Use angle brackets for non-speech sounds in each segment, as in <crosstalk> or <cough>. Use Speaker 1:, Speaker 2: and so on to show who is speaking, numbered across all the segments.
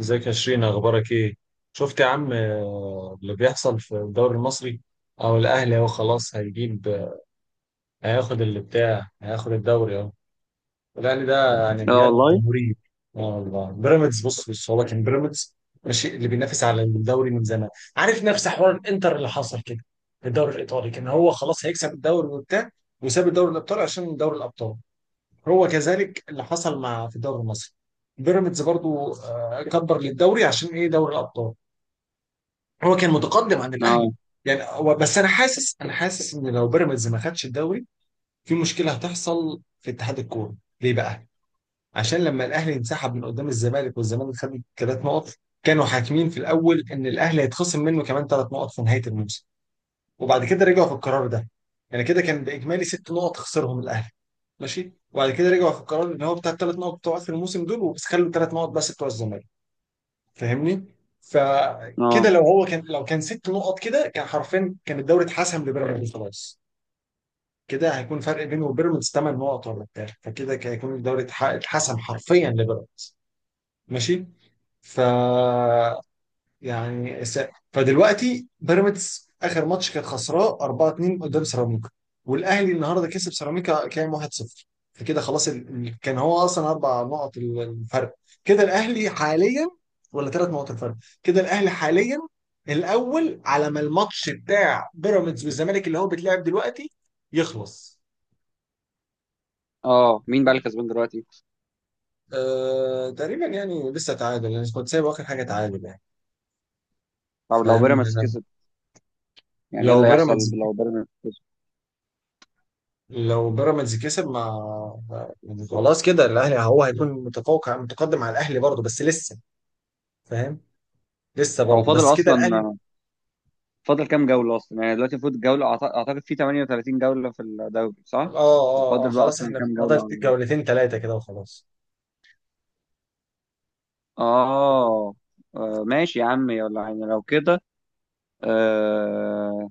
Speaker 1: ازيك يا شيرين، اخبارك ايه؟ شفت يا عم اللي بيحصل في الدوري المصري؟ او الاهلي اهو خلاص هيجيب، هياخد اللي بتاع، هياخد الدوري اهو. الاهلي ده يعني
Speaker 2: اه
Speaker 1: بجد
Speaker 2: والله.
Speaker 1: مريب. اه والله. بيراميدز، بص هو كان بيراميدز، ماشي، اللي بينافس على الدوري من زمان. عارف نفس حوار الانتر اللي حصل كده في الدوري الايطالي، كان هو خلاص هيكسب الدوري وبتاع، وساب الدوري الابطال عشان دوري الابطال. هو كذلك اللي حصل مع في الدوري المصري. بيراميدز برضو كبر للدوري عشان ايه؟ دوري الابطال، هو كان متقدم عن الاهلي.
Speaker 2: اه،
Speaker 1: يعني هو بس انا حاسس، ان لو بيراميدز ما خدش الدوري، في مشكله هتحصل في اتحاد الكوره. ليه بقى؟ عشان لما الاهلي انسحب من قدام الزمالك، والزمالك خد ثلاث نقط، كانوا حاكمين في الاول ان الاهلي هيتخصم منه كمان 3 نقط في نهايه الموسم، وبعد كده رجعوا في القرار ده. يعني كده كان باجمالي 6 نقط خسرهم الاهلي، ماشي. وبعد كده رجعوا في القرار ان هو بتاع ال3 نقط بتوع اخر الموسم دول وبس، خلوا ال3 نقط بس بتوع الزمالك. فاهمني؟ فكده
Speaker 2: اه،
Speaker 1: لو هو كان، لو كان 6 نقط كده كان حرفيا كان الدوري اتحسم لبيراميدز خلاص. كده هيكون فرق بينه وبيراميدز 8 نقط ولا بتاع، فكده كان هيكون الدوري اتحسم حرفيا لبيراميدز، ماشي. ف يعني س... فدلوقتي بيراميدز اخر ماتش كانت خسراه 4-2 قدام سيراميكا، والاهلي النهارده كسب سيراميكا كام 1-0. فكده خلاص ال... كان هو اصلا 4 نقط الفرق، كده الاهلي حاليا، ولا 3 نقط الفرق، كده الاهلي حاليا الاول على ما الماتش بتاع بيراميدز والزمالك اللي هو بيتلعب دلوقتي يخلص.
Speaker 2: اه. مين بقى اللي كسبان دلوقتي؟
Speaker 1: تقريبا يعني لسه تعادل، يعني كنت سايب اخر حاجه تعادل يعني.
Speaker 2: طب لو
Speaker 1: فاهم
Speaker 2: بيراميدز
Speaker 1: أنا.
Speaker 2: كسب، يعني ايه
Speaker 1: لو
Speaker 2: اللي هيحصل
Speaker 1: بيراميدز،
Speaker 2: لو بيراميدز كسب؟
Speaker 1: لو بيراميدز كسب، ما يعني خلاص كده الاهلي، هو هيكون متفوق متقدم على الاهلي برضه بس لسه. فاهم. لسه
Speaker 2: هو
Speaker 1: برضه
Speaker 2: فاضل
Speaker 1: بس كده
Speaker 2: اصلا،
Speaker 1: الاهلي.
Speaker 2: فاضل كام جولة اصلا؟ يعني دلوقتي المفروض اعتقد في 38 جولة في الدوري،
Speaker 1: اه
Speaker 2: صح؟
Speaker 1: اه اه
Speaker 2: وفاضل بقى
Speaker 1: خلاص،
Speaker 2: اصلا
Speaker 1: احنا
Speaker 2: كام جولة
Speaker 1: فاضل
Speaker 2: على
Speaker 1: جولتين ثلاثه كده وخلاص.
Speaker 2: اه. ماشي يا عم، يلا، يعني لو كده. آه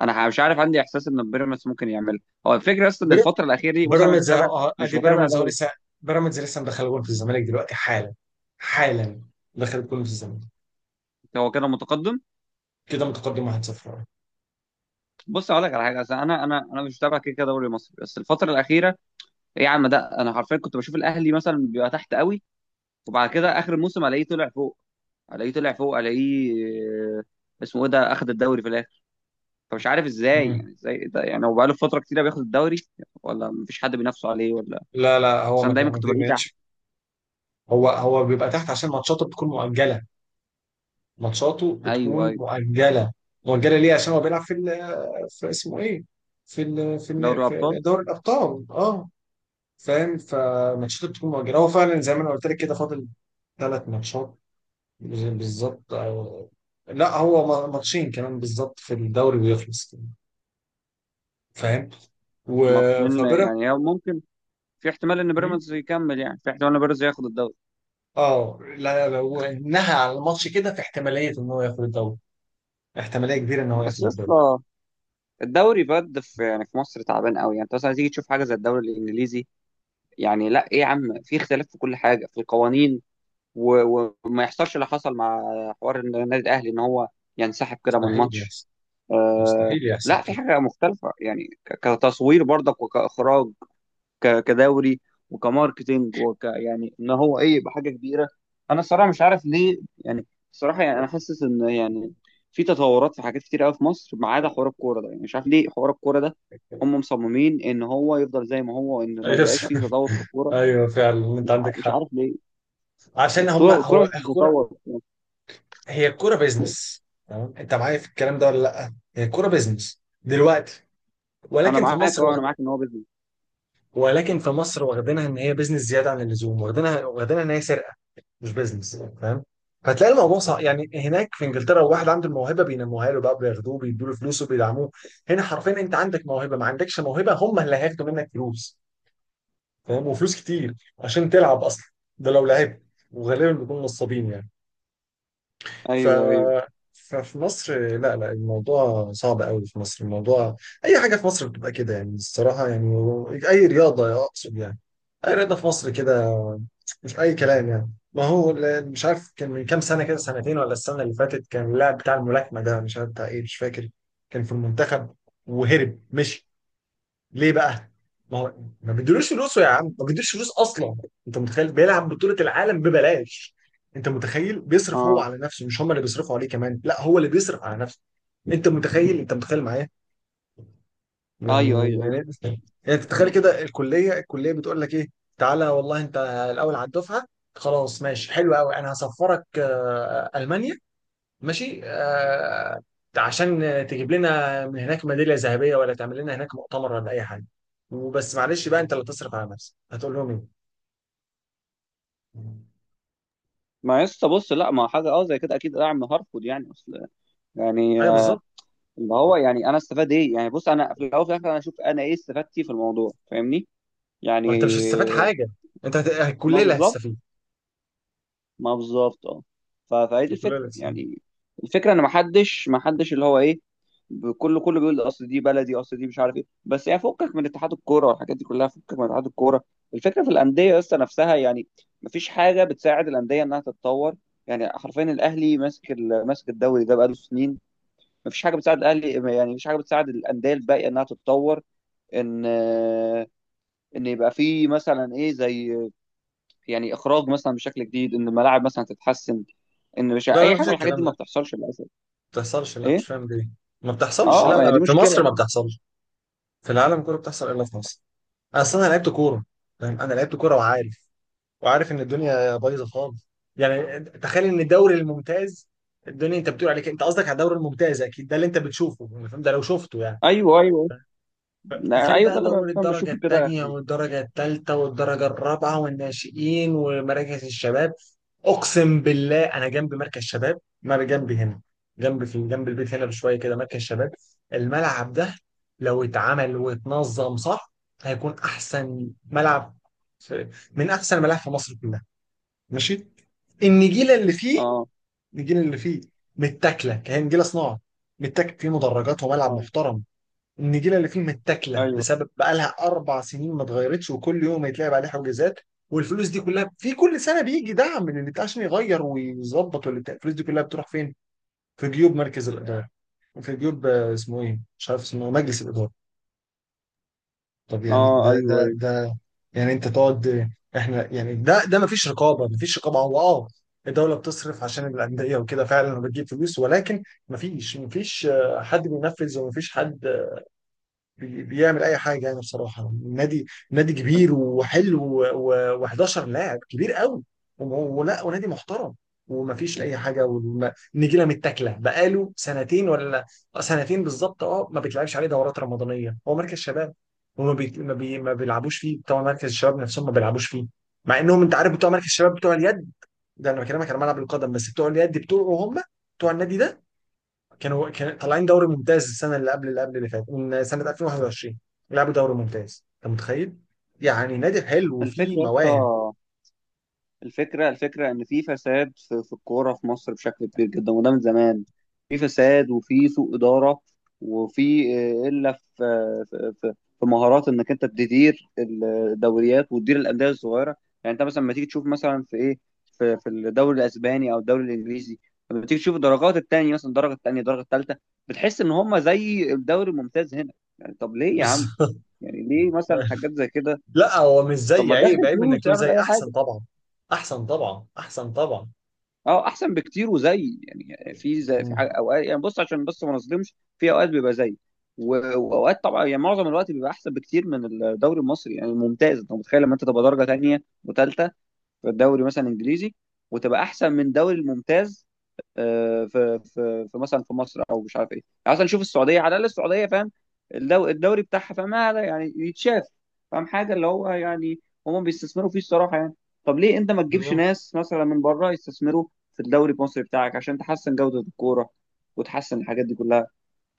Speaker 2: انا مش عارف، عندي احساس ان بيراميدز ممكن يعملها. هو الفكره اصلا ان
Speaker 1: بير-
Speaker 2: الفتره الاخيره دي، بص انا مش
Speaker 1: بيراميدز اهو،
Speaker 2: متابع، مش
Speaker 1: ادي
Speaker 2: متابع
Speaker 1: بيراميدز هو
Speaker 2: دوري.
Speaker 1: لسه، بيراميدز لسه مدخل جول في الزمالك دلوقتي، حالا حالا دخل جول في الزمالك.
Speaker 2: هو كده متقدم.
Speaker 1: كده متقدم 1-0.
Speaker 2: بص اقول لك على حاجه، أصل انا مش متابع كده كده دوري مصري، بس الفتره الاخيره، ايه يا عم، ده انا حرفيا كنت بشوف الاهلي مثلا بيبقى تحت قوي، وبعد كده اخر الموسم الاقيه طلع فوق، الاقيه طلع فوق، الاقيه اسمه ايه ده اخد الدوري في الاخر. فمش عارف ازاي
Speaker 1: مم.
Speaker 2: يعني، ازاي ده يعني، هو بقاله فتره كتيره بياخد الدوري، ولا مفيش حد بينافسه عليه ولا،
Speaker 1: لا هو
Speaker 2: بس انا دايما
Speaker 1: ما
Speaker 2: كنت بلاقيه تحت.
Speaker 1: كانش. هو هو بيبقى تحت عشان ماتشاته بتكون مؤجله، ماتشاته
Speaker 2: ايوه،
Speaker 1: بتكون
Speaker 2: ايوه.
Speaker 1: مؤجله مؤجله ليه؟ عشان هو بيلعب في ال، في اسمه ايه، في ال في
Speaker 2: دوري
Speaker 1: ال
Speaker 2: الابطال.
Speaker 1: في دوري الابطال، اه. فاهم. فماتشاته بتكون مؤجله. هو فعلا زي ما انا قلت لك كده فاضل 3 ماتشات. بالظبط لا هو ماتشين كمان بالظبط في الدوري ويخلص كده. فاهم. و
Speaker 2: ماتشين،
Speaker 1: فبيراميدز.
Speaker 2: يعني هي ممكن، في احتمال ان
Speaker 1: مم.
Speaker 2: بيراميدز يكمل، يعني في احتمال ان بيراميدز ياخد الدوري.
Speaker 1: اه، لا، لو انها على الماتش كده، في احتماليه ان هو ياخد الدوري، احتماليه كبيره ان هو
Speaker 2: بس
Speaker 1: ياخد
Speaker 2: يا
Speaker 1: الدوري
Speaker 2: اسطى، الدوري بجد في، يعني في مصر تعبان قوي، يعني انت مثلا تيجي تشوف حاجه زي الدوري الانجليزي. يعني لا، ايه يا عم، في اختلاف في كل حاجه، في القوانين، وما يحصلش اللي حصل مع حوار إن النادي الاهلي ان هو ينسحب كده من
Speaker 1: مستحيل
Speaker 2: ماتش.
Speaker 1: يحصل،
Speaker 2: آه.
Speaker 1: مستحيل يحصل
Speaker 2: لا، في
Speaker 1: كده.
Speaker 2: حاجه مختلفه، يعني كتصوير برضك، وكاخراج، كدوري، وكماركتينج، وك يعني ان هو ايه، يبقى حاجه كبيره. انا الصراحه مش عارف ليه، يعني الصراحه يعني انا حاسس ان يعني في تطورات، في حاجات كتير قوي في مصر ما عدا حوار الكوره ده. يعني مش عارف ليه حوار الكوره ده، هم مصممين ان هو يفضل زي ما هو، ان ما يبقاش فيه
Speaker 1: <laughs>
Speaker 2: تطور في الكوره.
Speaker 1: ايوه فعلا انت عندك
Speaker 2: مش
Speaker 1: حق.
Speaker 2: عارف ليه.
Speaker 1: عشان
Speaker 2: يعني
Speaker 1: هم
Speaker 2: الكوره، الكورة
Speaker 1: هو
Speaker 2: مش
Speaker 1: الكوره،
Speaker 2: بتتطور.
Speaker 1: هي الكوره بيزنس. تمام؟ انت معايا في الكلام ده ولا لا؟ هي الكوره بيزنس دلوقتي،
Speaker 2: انا
Speaker 1: ولكن في
Speaker 2: معاك،
Speaker 1: مصر
Speaker 2: اه انا معاك ان هو بيزنس.
Speaker 1: ولكن في مصر واخدينها ان هي بيزنس زياده عن اللزوم، واخدينها ان هي سرقه مش بيزنس. فاهم؟ فتلاقي الموضوع صعب. يعني هناك في انجلترا لو واحد عنده الموهبه بينموها له بقى، بياخدوه، بيدوا له فلوس، وبيدعموه. هنا حرفيا انت عندك موهبه، ما عندكش موهبه، هم اللي هياخدوا منك فلوس. فاهم؟ وفلوس كتير عشان تلعب اصلا، ده لو لعبت. وغالبا بيكونوا نصابين يعني. ف
Speaker 2: ايوه، ايوه.
Speaker 1: ففي مصر، لا الموضوع صعب قوي في مصر، الموضوع اي حاجه في مصر بتبقى كده يعني الصراحه يعني. اي رياضه اقصد يعني، اي رياضه في مصر كده، مش اي كلام يعني. ما هو مش عارف، كان من كام سنه كده، سنتين ولا السنه اللي فاتت، كان اللاعب بتاع الملاكمه ده، مش عارف بتاع ايه مش فاكر، كان في المنتخب وهرب مشي. ليه بقى؟ ما هو ما بيدولوش فلوسه يا عم، ما بيدولوش فلوس اصلا. انت متخيل بيلعب بطولة العالم ببلاش؟ انت متخيل بيصرف هو
Speaker 2: اه،
Speaker 1: على نفسه؟ مش هم اللي بيصرفوا عليه، كمان لا هو اللي بيصرف على نفسه. انت متخيل؟ معايا؟
Speaker 2: ايوه،
Speaker 1: يعني
Speaker 2: ايوه،
Speaker 1: يعني يعني تتخيل
Speaker 2: ايوه.
Speaker 1: كده، الكليه، بتقول لك ايه؟ تعالى والله انت الاول على الدفعه، خلاص ماشي حلو قوي، انا هسفرك المانيا ماشي، آه، عشان تجيب لنا من هناك ميداليه ذهبيه ولا تعمل لنا هناك مؤتمر ولا اي حاجه. وبس معلش بقى، انت اللي تصرف على نفسك. هتقول لهم ايه؟
Speaker 2: ما يسطا، بص، لا ما حاجه اه زي كده، اكيد دعم هارفود يعني، اصل يعني
Speaker 1: ايوه بالظبط.
Speaker 2: اللي هو يعني، انا استفاد ايه يعني، بص انا في الاول وفي الاخر انا اشوف انا ايه استفادتي في الموضوع، فاهمني، يعني
Speaker 1: ما انت مش هتستفاد حاجه،
Speaker 2: ما
Speaker 1: الكليه اللي
Speaker 2: بالظبط،
Speaker 1: هتستفيد،
Speaker 2: ما بالظبط اه. فهي دي
Speaker 1: الكليه اللي
Speaker 2: الفكره
Speaker 1: هتستفيد
Speaker 2: يعني. الفكره ان ما حدش، ما حدش اللي هو ايه، كله كله بيقول اصل دي بلدي، اصل دي مش عارف ايه، بس يعني فكك من اتحاد الكوره والحاجات دي كلها، فكك من اتحاد الكوره. الفكره في الانديه لسه نفسها يعني، ما فيش حاجه بتساعد الانديه انها تتطور. يعني حرفيا الاهلي ماسك ماسك الدوري ده بقاله سنين. ما فيش حاجه بتساعد الاهلي، يعني ما فيش حاجه بتساعد الانديه الباقيه انها تتطور، ان ان يبقى في مثلا ايه، زي يعني اخراج مثلا بشكل جديد، ان الملاعب مثلا تتحسن، ان مش
Speaker 1: لا لا،
Speaker 2: اي
Speaker 1: ما
Speaker 2: حاجه
Speaker 1: فيش،
Speaker 2: من الحاجات دي
Speaker 1: الكلام ده
Speaker 2: ما
Speaker 1: ما
Speaker 2: بتحصلش للاسف.
Speaker 1: بتحصلش. لا مش
Speaker 2: ايه.
Speaker 1: فاهم ليه، ما بتحصلش،
Speaker 2: اه،
Speaker 1: لا
Speaker 2: ما هي دي
Speaker 1: لا، في مصر
Speaker 2: مشكله.
Speaker 1: ما بتحصلش، في العالم كله بتحصل الا في مصر. اصلا انا لعبت كوره، فاهم، انا لعبت كوره وعارف، ان الدنيا بايظه خالص. يعني تخيل ان الدوري الممتاز، الدنيا، انت بتقول عليك انت، قصدك على الدوري الممتاز اكيد، ده اللي انت بتشوفه أنا فاهم؟ ده لو شفته يعني.
Speaker 2: ايوه، ايوه. لا،
Speaker 1: تخيل
Speaker 2: ايوه، ده
Speaker 1: بقى
Speaker 2: اللي انا
Speaker 1: دوري
Speaker 2: فاهم
Speaker 1: الدرجه
Speaker 2: بشوفه كده يا
Speaker 1: الثانيه،
Speaker 2: حبيبي.
Speaker 1: والدرجه الثالثه والدرجه الرابعه، والناشئين ومراكز الشباب. اقسم بالله، انا جنب مركز شباب ما جنبي هنا، جنب، في جنب البيت هنا بشويه كده مركز شباب. الملعب ده لو اتعمل واتنظم صح هيكون احسن ملعب، من احسن الملاعب في مصر كلها، ماشي. النجيله اللي فيه،
Speaker 2: اه،
Speaker 1: النجيله اللي فيه متاكله، كهي نجيله صناعه، متاكل، فيه مدرجات وملعب
Speaker 2: اه،
Speaker 1: محترم. النجيله اللي فيه متاكله
Speaker 2: ايوه.
Speaker 1: بسبب بقالها 4 سنين ما اتغيرتش، وكل يوم يتلعب عليه حجوزات. والفلوس دي كلها، في كل سنه بيجي دعم من اللي عشان يغير ويظبط واللي بتاع. الفلوس دي كلها بتروح فين؟ في جيوب مركز الاداره، في جيوب اسمه ايه؟ مش عارف اسمه، مجلس الاداره. طب يعني
Speaker 2: اه،
Speaker 1: ده
Speaker 2: ايوه،
Speaker 1: ده
Speaker 2: ايوه.
Speaker 1: ده يعني انت تقعد. احنا يعني ده مفيش رقابه، هو اه، الدوله بتصرف عشان الانديه وكده فعلا، وبتجيب فلوس، ولكن مفيش، حد بينفذ ومفيش حد بيعمل اي حاجه يعني بصراحه. نادي، كبير وحلو، و11 لاعب كبير قوي، وم- ولا ونادي محترم. ومفيش اي حاجه، والنجيله متاكله بقاله سنتين ولا سنتين بالظبط، اه. ما بيتلعبش عليه دورات رمضانيه، هو مركز شباب. وما بي... ما, بي... ما بيلعبوش فيه بتوع مركز الشباب نفسهم، ما بيلعبوش فيه، مع انهم انت عارف بتوع مركز الشباب، بتوع اليد، ده انا بكلمك على ملعب القدم. بس بتوع اليد بتوعه، هم بتوع النادي ده، كانوا كان طالعين دوري ممتاز، السنه اللي قبل اللي قبل اللي فاتت، من سنه 2021 لعبوا دوري ممتاز، انت متخيل؟ يعني نادي حلو وفيه
Speaker 2: الفكره يا اسطى،
Speaker 1: مواهب.
Speaker 2: الفكرة إن في فساد في الكورة في مصر بشكل كبير جدا، وده من زمان. في فساد، وفي سوء إدارة، وفي إلا في في مهارات إنك أنت تدير الدوريات وتدير الأندية الصغيرة. يعني أنت مثلا لما تيجي تشوف، مثلا في إيه، في الدوري الأسباني أو الدوري الإنجليزي، لما تيجي تشوف الدرجات التانية، مثلا الدرجة التانية، الدرجة التالتة، بتحس إن هما زي الدوري الممتاز هنا. يعني طب ليه يا عم،
Speaker 1: بالظبط.
Speaker 2: يعني ليه مثلا
Speaker 1: <laughs>
Speaker 2: حاجات زي كده.
Speaker 1: لا هو مش
Speaker 2: طب
Speaker 1: زي،
Speaker 2: ما
Speaker 1: عيب
Speaker 2: تدخل
Speaker 1: عيب انك
Speaker 2: فلوس،
Speaker 1: تقول
Speaker 2: اعمل
Speaker 1: زي،
Speaker 2: أي
Speaker 1: احسن
Speaker 2: حاجة.
Speaker 1: طبعا. احسن طبعا، احسن طبعا.
Speaker 2: اه، احسن بكتير، وزي يعني، في زي، في
Speaker 1: مم.
Speaker 2: حاجة اوقات، يعني بص عشان بس ما نظلمش، في اوقات بيبقى زي واوقات طبعا. يعني معظم الوقت بيبقى احسن بكتير من الدوري المصري. يعني ممتاز، انت متخيل لما انت تبقى درجه تانيه وتالته في الدوري مثلا انجليزي وتبقى احسن من دوري الممتاز. في في مثلا في مصر، او مش عارف ايه يعني، مثلا نشوف السعوديه، على الاقل السعوديه فاهم، الدوري بتاعها فاهم، هذا يعني يتشاف، فاهم، حاجه اللي هو يعني هم بيستثمروا فيه الصراحه يعني. طب ليه انت ما تجيبش
Speaker 1: بالظبط.
Speaker 2: ناس مثلا من بره يستثمروا في الدوري المصري بتاعك، عشان تحسن جوده الكوره وتحسن الحاجات دي كلها.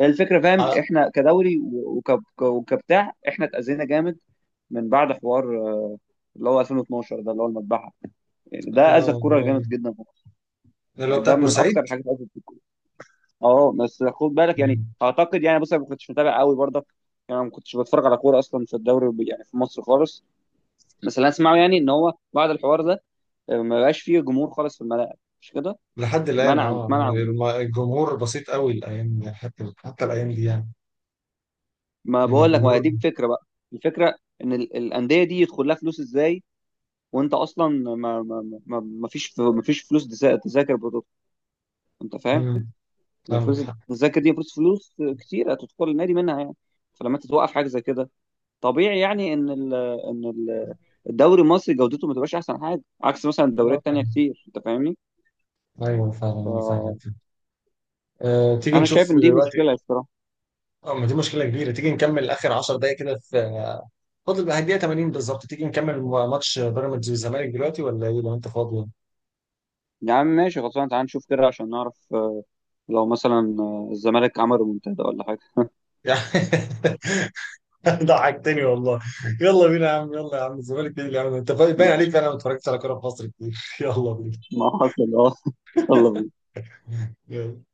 Speaker 2: هي الفكره، فاهم،
Speaker 1: على.
Speaker 2: احنا كدوري، وكبتاع احنا اتاذينا جامد من بعد حوار اللي هو 2012 ده، اللي هو المذبحه. يعني ده اذى
Speaker 1: اه. آه.
Speaker 2: الكوره جامد جدا في مصر.
Speaker 1: اللي هو
Speaker 2: يعني
Speaker 1: بتاعت
Speaker 2: ده من اكثر
Speaker 1: بورسعيد.
Speaker 2: الحاجات اللي اذت. اه، بس خد بالك يعني،
Speaker 1: مم.
Speaker 2: اعتقد يعني بص انا ما كنتش متابع قوي برضك، يعني ما كنتش بتفرج على كوره اصلا في الدوري يعني في مصر خالص. بس اللي أنا اسمعه يعني ان هو بعد الحوار ده ما بقاش فيه جمهور خالص في الملاعب، مش كده.
Speaker 1: لحد الان،
Speaker 2: منع،
Speaker 1: اه،
Speaker 2: منع جمهور.
Speaker 1: الجمهور بسيط قوي الايام دي، حتى حتى الايام دي يعني.
Speaker 2: ما
Speaker 1: يعني
Speaker 2: بقول لك، ما هي
Speaker 1: الجمهور.
Speaker 2: دي الفكره بقى. الفكره ان الانديه دي يدخل لها فلوس ازاي، وانت اصلا ما فيش فلوس تذاكر برضه، انت فاهم،
Speaker 1: مم.
Speaker 2: يعني
Speaker 1: عندك
Speaker 2: فلوس
Speaker 1: حق.
Speaker 2: التذاكر دي فلوس، فلوس كتيره تدخل النادي منها يعني. فلما انت توقف حاجه زي كده، طبيعي يعني ان ال ان ال الدوري المصري جودته ما تبقاش احسن حاجه، عكس مثلا الدوريات
Speaker 1: آه.
Speaker 2: التانيه كتير، انت فاهمني.
Speaker 1: ايوه فعلا انا فاهم.
Speaker 2: فانا
Speaker 1: أه تيجي نشوف
Speaker 2: شايف ان دي
Speaker 1: دلوقتي.
Speaker 2: مشكله الصراحه.
Speaker 1: اه ما دي مشكلة كبيرة. تيجي نكمل آخر 10 دقايق كده في فاضل بقى الدقيقة 80 بالظبط. تيجي نكمل ماتش بيراميدز والزمالك دلوقتي ولا ايه؟ لو انت فاضي
Speaker 2: يا عم ماشي، خلصنا، تعال نشوف كده عشان نعرف، لو مثلا الزمالك عمل منتدى ولا حاجه.
Speaker 1: يعني. <laughs> ضحكتني والله. يلا بينا يا عم، يلا يا عم الزمالك، ايه اللي عم انت باين عليك فعلا ما اتفرجتش على كورة في مصر كتير. <laughs> يلا بينا.
Speaker 2: <laughs> ما حصل. اه، يلا بينا.
Speaker 1: يلا.